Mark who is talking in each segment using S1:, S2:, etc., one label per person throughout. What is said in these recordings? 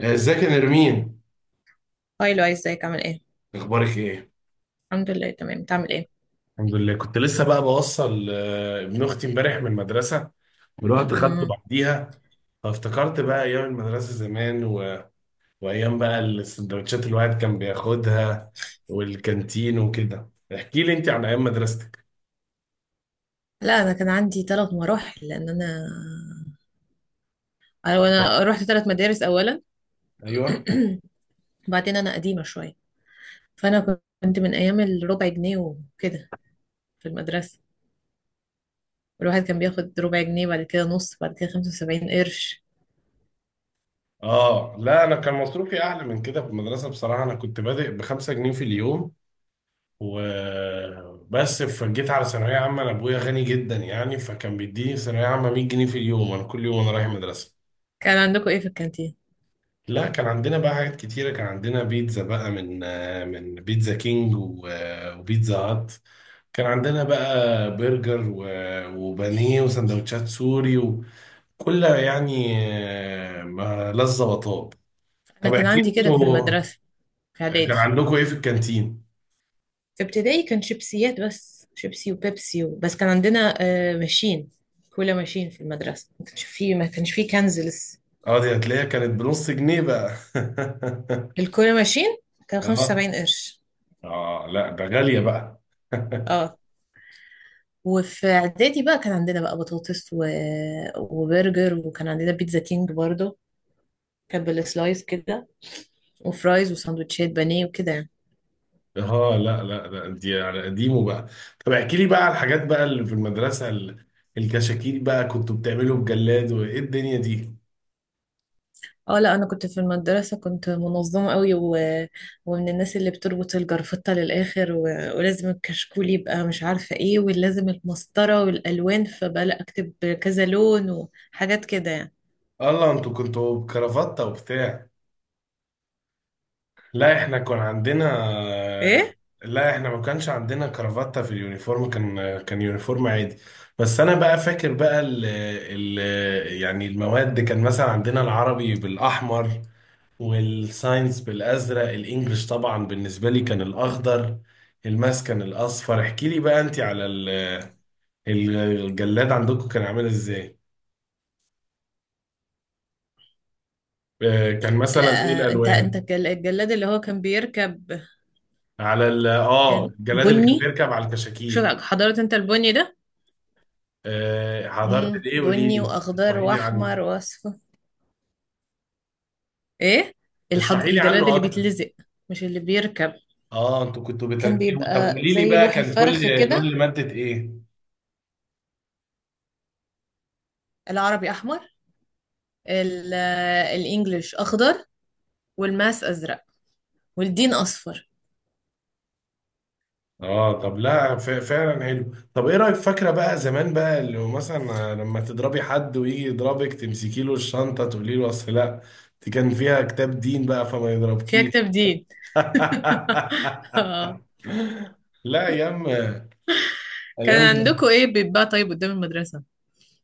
S1: ازيك يا نرمين؟
S2: هاي، لو ازيك عامل ايه؟
S1: اخبارك ايه؟
S2: الحمد لله، تمام. بتعمل ايه؟
S1: الحمد لله. كنت لسه بقى بوصل، ابن اختي امبارح من المدرسه، ورحت خدته
S2: مم.
S1: بعديها. فافتكرت بقى ايام المدرسه زمان وايام بقى السندوتشات اللي الواحد كان بياخدها، والكانتين وكده. احكي لي انت عن ايام مدرستك.
S2: لا، انا كان عندي ثلاث مراحل لان انا رحت ثلاث مدارس. اولا
S1: ايوه.
S2: وبعدين انا قديمه شويه، فانا كنت من ايام الربع جنيه وكده. في المدرسه الواحد كان بياخد ربع جنيه، بعد كده نص، بعد كده 75 قرش.
S1: اه لا، انا كان مصروفي اعلى من كده في المدرسه، بصراحه انا كنت بادئ ب5 جنيه في اليوم وبس. فجيت على ثانوية عامة، أنا أبويا غني جدا يعني، فكان بيديني ثانوية عامة 100 جنيه في اليوم، أنا كل يوم أنا رايح المدرسة.
S2: كان عندكم ايه في الكانتين؟
S1: لا كان عندنا بقى حاجات كتيرة، كان عندنا بيتزا بقى، من من بيتزا كينج وبيتزا هات. كان عندنا بقى برجر وبانيه وسندوتشات سوري، وكلها يعني ما لذة وطاب.
S2: انا
S1: طب
S2: كان
S1: احكي
S2: عندي
S1: لي
S2: كده في
S1: انتوا،
S2: المدرسه. في
S1: كان
S2: اعدادي.
S1: عندكم ايه في الكانتين؟
S2: في ابتدائي كان شيبسيات، بس شيبسي وبيبسي، بس كان عندنا ماشين كولا، ماشين في المدرسه، ما كانش فيه كنز.
S1: اه، دي هتلاقيها كانت بنص جنيه بقى.
S2: الكوري ماشين كان
S1: اه.
S2: 75 قرش.
S1: اه لا ده غالية بقى.
S2: اه، وفي اعدادي بقى كان عندنا بقى بطاطس و... وبرجر، وكان عندنا بيتزا كينج برضو، كان بالسلايس كده، وفرايز، وساندوتشات بانيه وكده يعني.
S1: اه لا لا لا، دي على قديمه بقى. طب احكي لي بقى على الحاجات بقى اللي في المدرسة، الكشاكيل بقى، كنتوا بتعملوا بجلاد وايه الدنيا دي؟
S2: اه، لا، انا كنت في المدرسه كنت منظمه قوي، و... ومن الناس اللي بتربط الجرفطه للاخر، و... ولازم الكشكول يبقى مش عارفه ايه، ولازم المسطره والالوان، فبقى لا اكتب كذا لون وحاجات كده يعني.
S1: الله، انتوا كنتوا بكرافتة وبتاع؟ لا احنا كان عندنا.
S2: ايه،
S1: لا احنا ما كانش عندنا كرافتة في اليونيفورم، كان يونيفورم عادي. بس انا بقى فاكر بقى، ال ال يعني المواد، كان مثلا عندنا العربي بالاحمر، والساينس بالازرق، الانجليش طبعا بالنسبه لي كان الاخضر، الماس كان الاصفر. احكي لي بقى انت على الجلاد عندكم كان عامل ازاي؟ كان مثلا ايه
S2: لا، انت
S1: الالوان؟
S2: الجلاد اللي هو كان بيركب.
S1: على
S2: كان
S1: الجلاد اللي كان
S2: بني.
S1: بيركب على
S2: شو
S1: الكشاكيل.
S2: حضرت انت البني ده؟
S1: حضرت الايه، قولي
S2: بني
S1: لي
S2: واخضر
S1: اشرحي لي عنه.
S2: واحمر واصفر. ايه،
S1: اشرحي لي
S2: الجلاد
S1: عنه
S2: اللي
S1: اكتر.
S2: بيتلزق، مش اللي بيركب.
S1: اه انتوا كنتوا
S2: كان
S1: بتركبوا؟ طب
S2: بيبقى
S1: قولي لي
S2: زي
S1: بقى،
S2: لوح
S1: كان كل
S2: الفرخ
S1: لون
S2: كده.
S1: لمادة ايه؟
S2: العربي احمر، ال... آه، الانجليش اخضر، والماس ازرق، والدين اصفر.
S1: اه طب لا، فعلا حلو. طب ايه رايك، فاكره بقى زمان بقى، اللي هو مثلا لما تضربي حد ويجي يضربك تمسكي له الشنطه تقولي له اصل لا، دي كان فيها كتاب دين بقى فما
S2: فيها
S1: يضربكيش؟
S2: كتاب دين. آه.
S1: لا، ايام ايام
S2: كان
S1: دي.
S2: عندكم ايه بيتباع طيب قدام المدرسة؟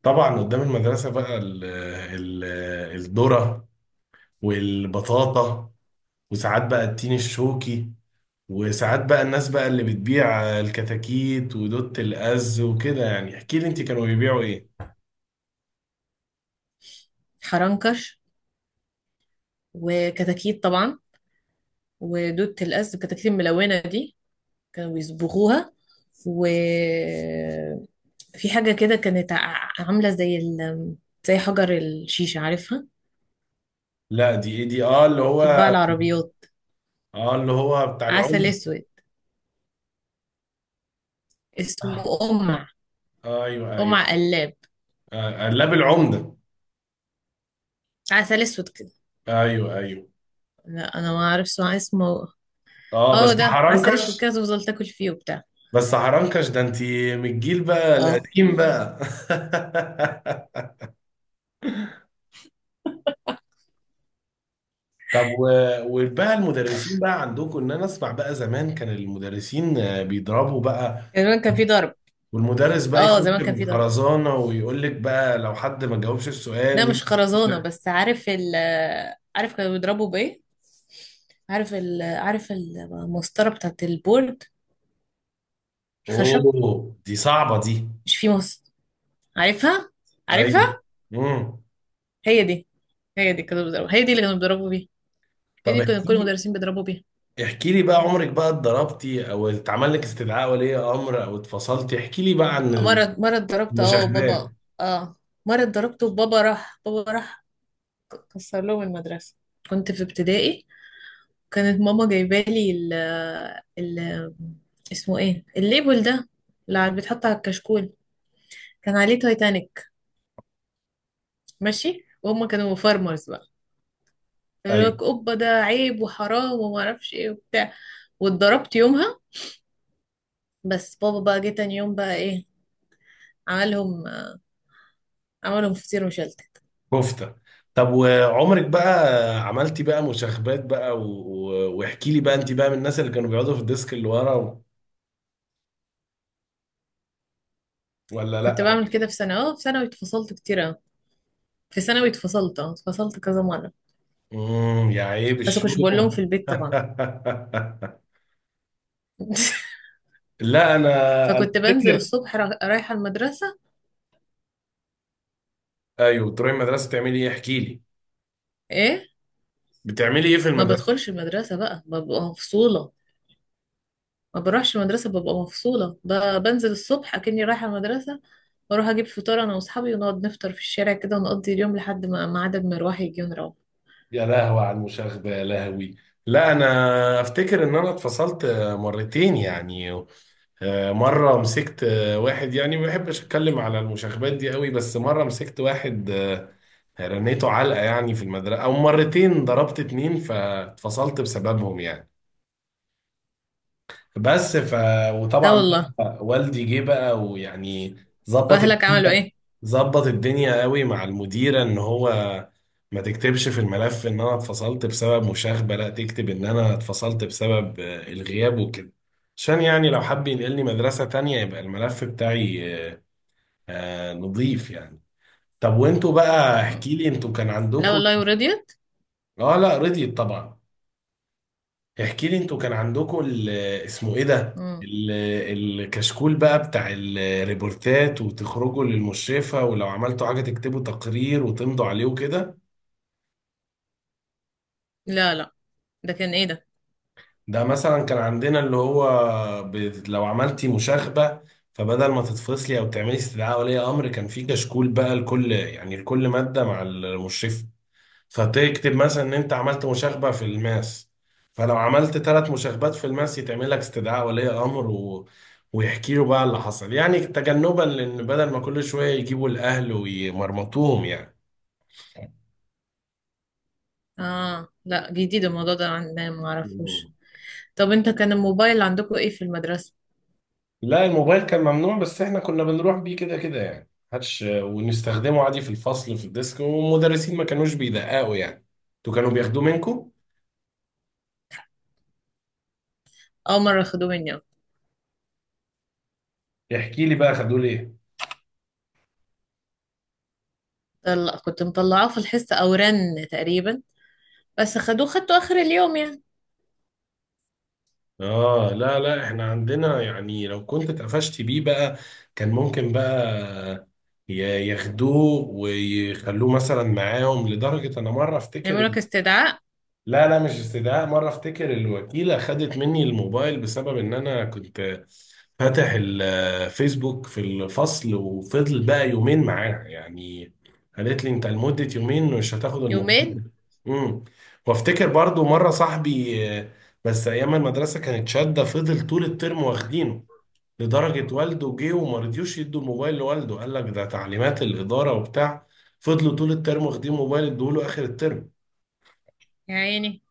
S1: طبعا قدام المدرسه بقى ال ال الذره، والبطاطا، وساعات بقى التين الشوكي، وساعات بقى الناس بقى اللي بتبيع الكتاكيت ودوت الأز وكده يعني. احكي لي انت، كانوا بيبيعوا ايه؟
S2: حرنكش وكتاكيت طبعا ودودة الأسد، الكتاكيت الملونة دي كانوا بيصبغوها، و في حاجة كده كانت عاملة زي حجر الشيشة، عارفها؟
S1: لا دي ايه دي؟ اه اللي هو.
S2: بتتباع العربيات.
S1: اه اللي هو بتاع
S2: عسل
S1: العمدة.
S2: اسود. اسمه قمع.
S1: آه ايوه ايوه.
S2: قمع قلاب.
S1: آه، قلاب العمدة.
S2: عسل اسود كده.
S1: ايوه ايوه.
S2: لا، انا ما اعرفش ما اسمه.
S1: اه،
S2: اه،
S1: بس
S2: ده عسل اسود
S1: حرنكش.
S2: كده، تفضل تاكل فيه وبتاع.
S1: بس حرنكش ده، انت من الجيل بقى
S2: اه،
S1: القديم بقى. طب وبقى المدرسين بقى عندكم، ان انا اسمع بقى زمان كان المدرسين بيضربوا بقى،
S2: زمان كان في ضرب.
S1: والمدرس بقى يخش
S2: اه، زمان كان في ضرب.
S1: بالخرزانة ويقول لك بقى لو حد ما جاوبش السؤال
S2: ده
S1: مين.
S2: مش خرزانة، بس عارف كانوا بيضربوا بايه؟ عارف المسطرة بتاعت البورد الخشب؟
S1: اوه، دي صعبة دي.
S2: مش في مص. عارفها.
S1: ايوه.
S2: عارفها.
S1: امم.
S2: هي دي هي دي كانوا بيضربوا، هي دي اللي كانوا بيضربوا بيها، هي
S1: طب
S2: دي كانوا كل
S1: احكي
S2: المدرسين بيضربوا بيها.
S1: احكي لي بقى عمرك بقى اتضربتي او اتعمل لك استدعاء ولي امر او اتفصلتي، احكي لي بقى عن
S2: مرة اتضربت
S1: المشاغبات.
S2: وبابا. اه، مرة اتضربت وبابا، راح كسر لهم المدرسة. كنت في ابتدائي. كانت ماما جايبالي ال ال اسمه ايه الليبل ده اللي بيتحط على الكشكول، كان عليه تايتانيك ماشي، وهم كانوا فارمرز بقى، يقول
S1: ايوه.
S2: لك اوبا ده عيب وحرام وما اعرفش ايه وبتاع. واتضربت يومها. بس بابا بقى جه تاني يوم بقى ايه، عملهم، عملهم فطير وشلتت.
S1: كفته. طب وعمرك بقى عملتي بقى مشاغبات بقى واحكي لي بقى انت بقى من الناس اللي كانوا بيقعدوا في الديسك اللي ورا ولا
S2: كنت
S1: لا؟
S2: بعمل كده في ثانوي. اه، في ثانوي اتفصلت كتير أوي. في ثانوي اتفصلت كذا مرة.
S1: امم، يا عيب
S2: بس ما كنتش بقول لهم في
S1: الشوم.
S2: البيت طبعا.
S1: لا انا
S2: فكنت بنزل
S1: افتكر.
S2: الصبح رايحة المدرسة.
S1: ايوه، تروحي المدرسه تعملي ايه؟ احكي لي،
S2: ايه،
S1: بتعملي ايه في
S2: ما
S1: المدرسه؟
S2: بدخلش المدرسة بقى ببقى مفصولة. ما بروحش المدرسة ببقى مفصولة، بنزل الصبح أكني رايحة المدرسة، واروح اجيب فطار انا واصحابي، ونقعد نفطر في الشارع كده، ونقضي اليوم لحد ما ميعاد المروح يجي ونروح.
S1: يا لهوي على المشاغبة، يا لهوي. لا انا افتكر ان انا اتفصلت مرتين يعني. مرة مسكت واحد، يعني ما بحبش اتكلم على المشاغبات دي قوي، بس مرة مسكت واحد رنيته علقة يعني في المدرسة، او مرتين ضربت اتنين فاتفصلت بسببهم يعني. بس ف
S2: لا
S1: وطبعا
S2: والله.
S1: بقى والدي جه بقى ويعني ظبط
S2: واهلك عملوا
S1: الدنيا.
S2: ايه؟
S1: ظبط الدنيا قوي مع المديره، ان هو ما تكتبش في الملف ان انا اتفصلت بسبب مشاغبه، لا تكتب ان انا اتفصلت بسبب الغياب وكده، عشان يعني لو حب ينقلني مدرسه تانية يبقى الملف بتاعي نظيف يعني. طب وانتوا بقى،
S2: مم.
S1: احكي لي انتوا كان
S2: لا
S1: عندكم.
S2: والله، ورضيت.
S1: اه لا، رضيت طبعا. احكي لي انتوا كان عندكم اسمه ايه ده،
S2: مم.
S1: ال- الكشكول بقى بتاع الريبورتات، وتخرجوا للمشرفة، ولو عملتوا حاجة تكتبوا تقرير وتمضوا عليه وكده.
S2: لا لا، ده كان ايه ده؟
S1: ده مثلا كان عندنا اللي هو، لو عملتي مشاغبة، فبدل ما تتفصلي او تعملي استدعاء ولي امر، كان في كشكول بقى لكل يعني لكل مادة مع المشرفة، فتكتب مثلا ان انت عملت مشاغبة في الماس، فلو عملت 3 مشاغبات في الماس يتعمل لك استدعاء ولي امر، ويحكي له بقى اللي حصل يعني، تجنبا لان بدل ما كل شوية يجيبوا الاهل ويمرمطوهم يعني.
S2: اه، لا، جديد الموضوع ده عندنا، ما
S1: مم.
S2: اعرفوش. طب، انت كان الموبايل عندكم ايه في المدرسة؟
S1: لا الموبايل كان ممنوع، بس احنا كنا بنروح بيه كده كده يعني هاتش، ونستخدمه عادي في الفصل في الديسك، والمدرسين ما كانوش بيدققوا يعني. انتوا كانوا بياخدوه منكم؟
S2: اول مرة خدوه مني.
S1: احكي لي بقى خدوه ليه.
S2: طلع كنت مطلعاه في الحصة او رن تقريبا. بس خدوه، خدته اخر اليوم يعني.
S1: اه لا لا، احنا عندنا يعني لو كنت اتقفشت بيه بقى كان ممكن بقى ياخدوه ويخلوه مثلا معاهم، لدرجة انا مرة افتكر،
S2: يعملوا لك استدعاء؟
S1: لا لا مش استدعاء، مرة افتكر الوكيلة خدت مني الموبايل بسبب ان انا كنت فاتح الفيسبوك في الفصل، وفضل بقى يومين معاها يعني، قالت لي انت لمدة يومين مش هتاخد
S2: يومين؟
S1: الموبايل. امم. وافتكر برضو مرة صاحبي، بس ايام المدرسة كانت شادة، فضل طول الترم واخدينه، لدرجة والده جه وما رضيوش يدوا الموبايل لوالده، قال لك ده تعليمات الإدارة وبتاع. فضلوا طول الترم واخدين موبايل، ادوه له آخر الترم.
S2: يا عيني.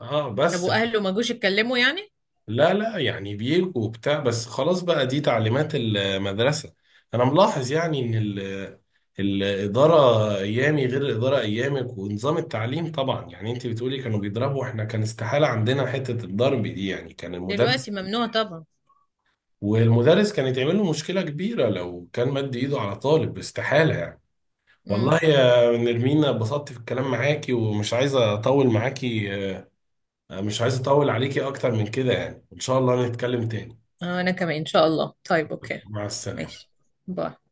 S1: اه
S2: طب
S1: بس.
S2: واهله ما جوش يتكلموا يعني؟
S1: لا لا يعني بيلكوا وبتاع، بس خلاص بقى دي تعليمات المدرسة. أنا ملاحظ يعني إن الإدارة أيامي غير الإدارة أيامك، ونظام التعليم طبعا، يعني أنت بتقولي كانوا بيضربوا، إحنا كان استحالة عندنا حتة الضرب دي يعني، كان
S2: دلوقتي
S1: المدرس
S2: ممنوع طبعا.
S1: والمدرس كان يتعمل له مشكلة كبيرة لو كان مد إيده على طالب، استحالة يعني.
S2: امم.
S1: والله يا نرمينا اتبسطت في الكلام معاكي، ومش عايزة أطول معاكي، مش عايز أطول عليكي أكتر من كده يعني، إن شاء الله نتكلم تاني.
S2: آه، انا كمان ان شاء الله، طيب اوكي.
S1: مع السلامة.
S2: ماشي. باي.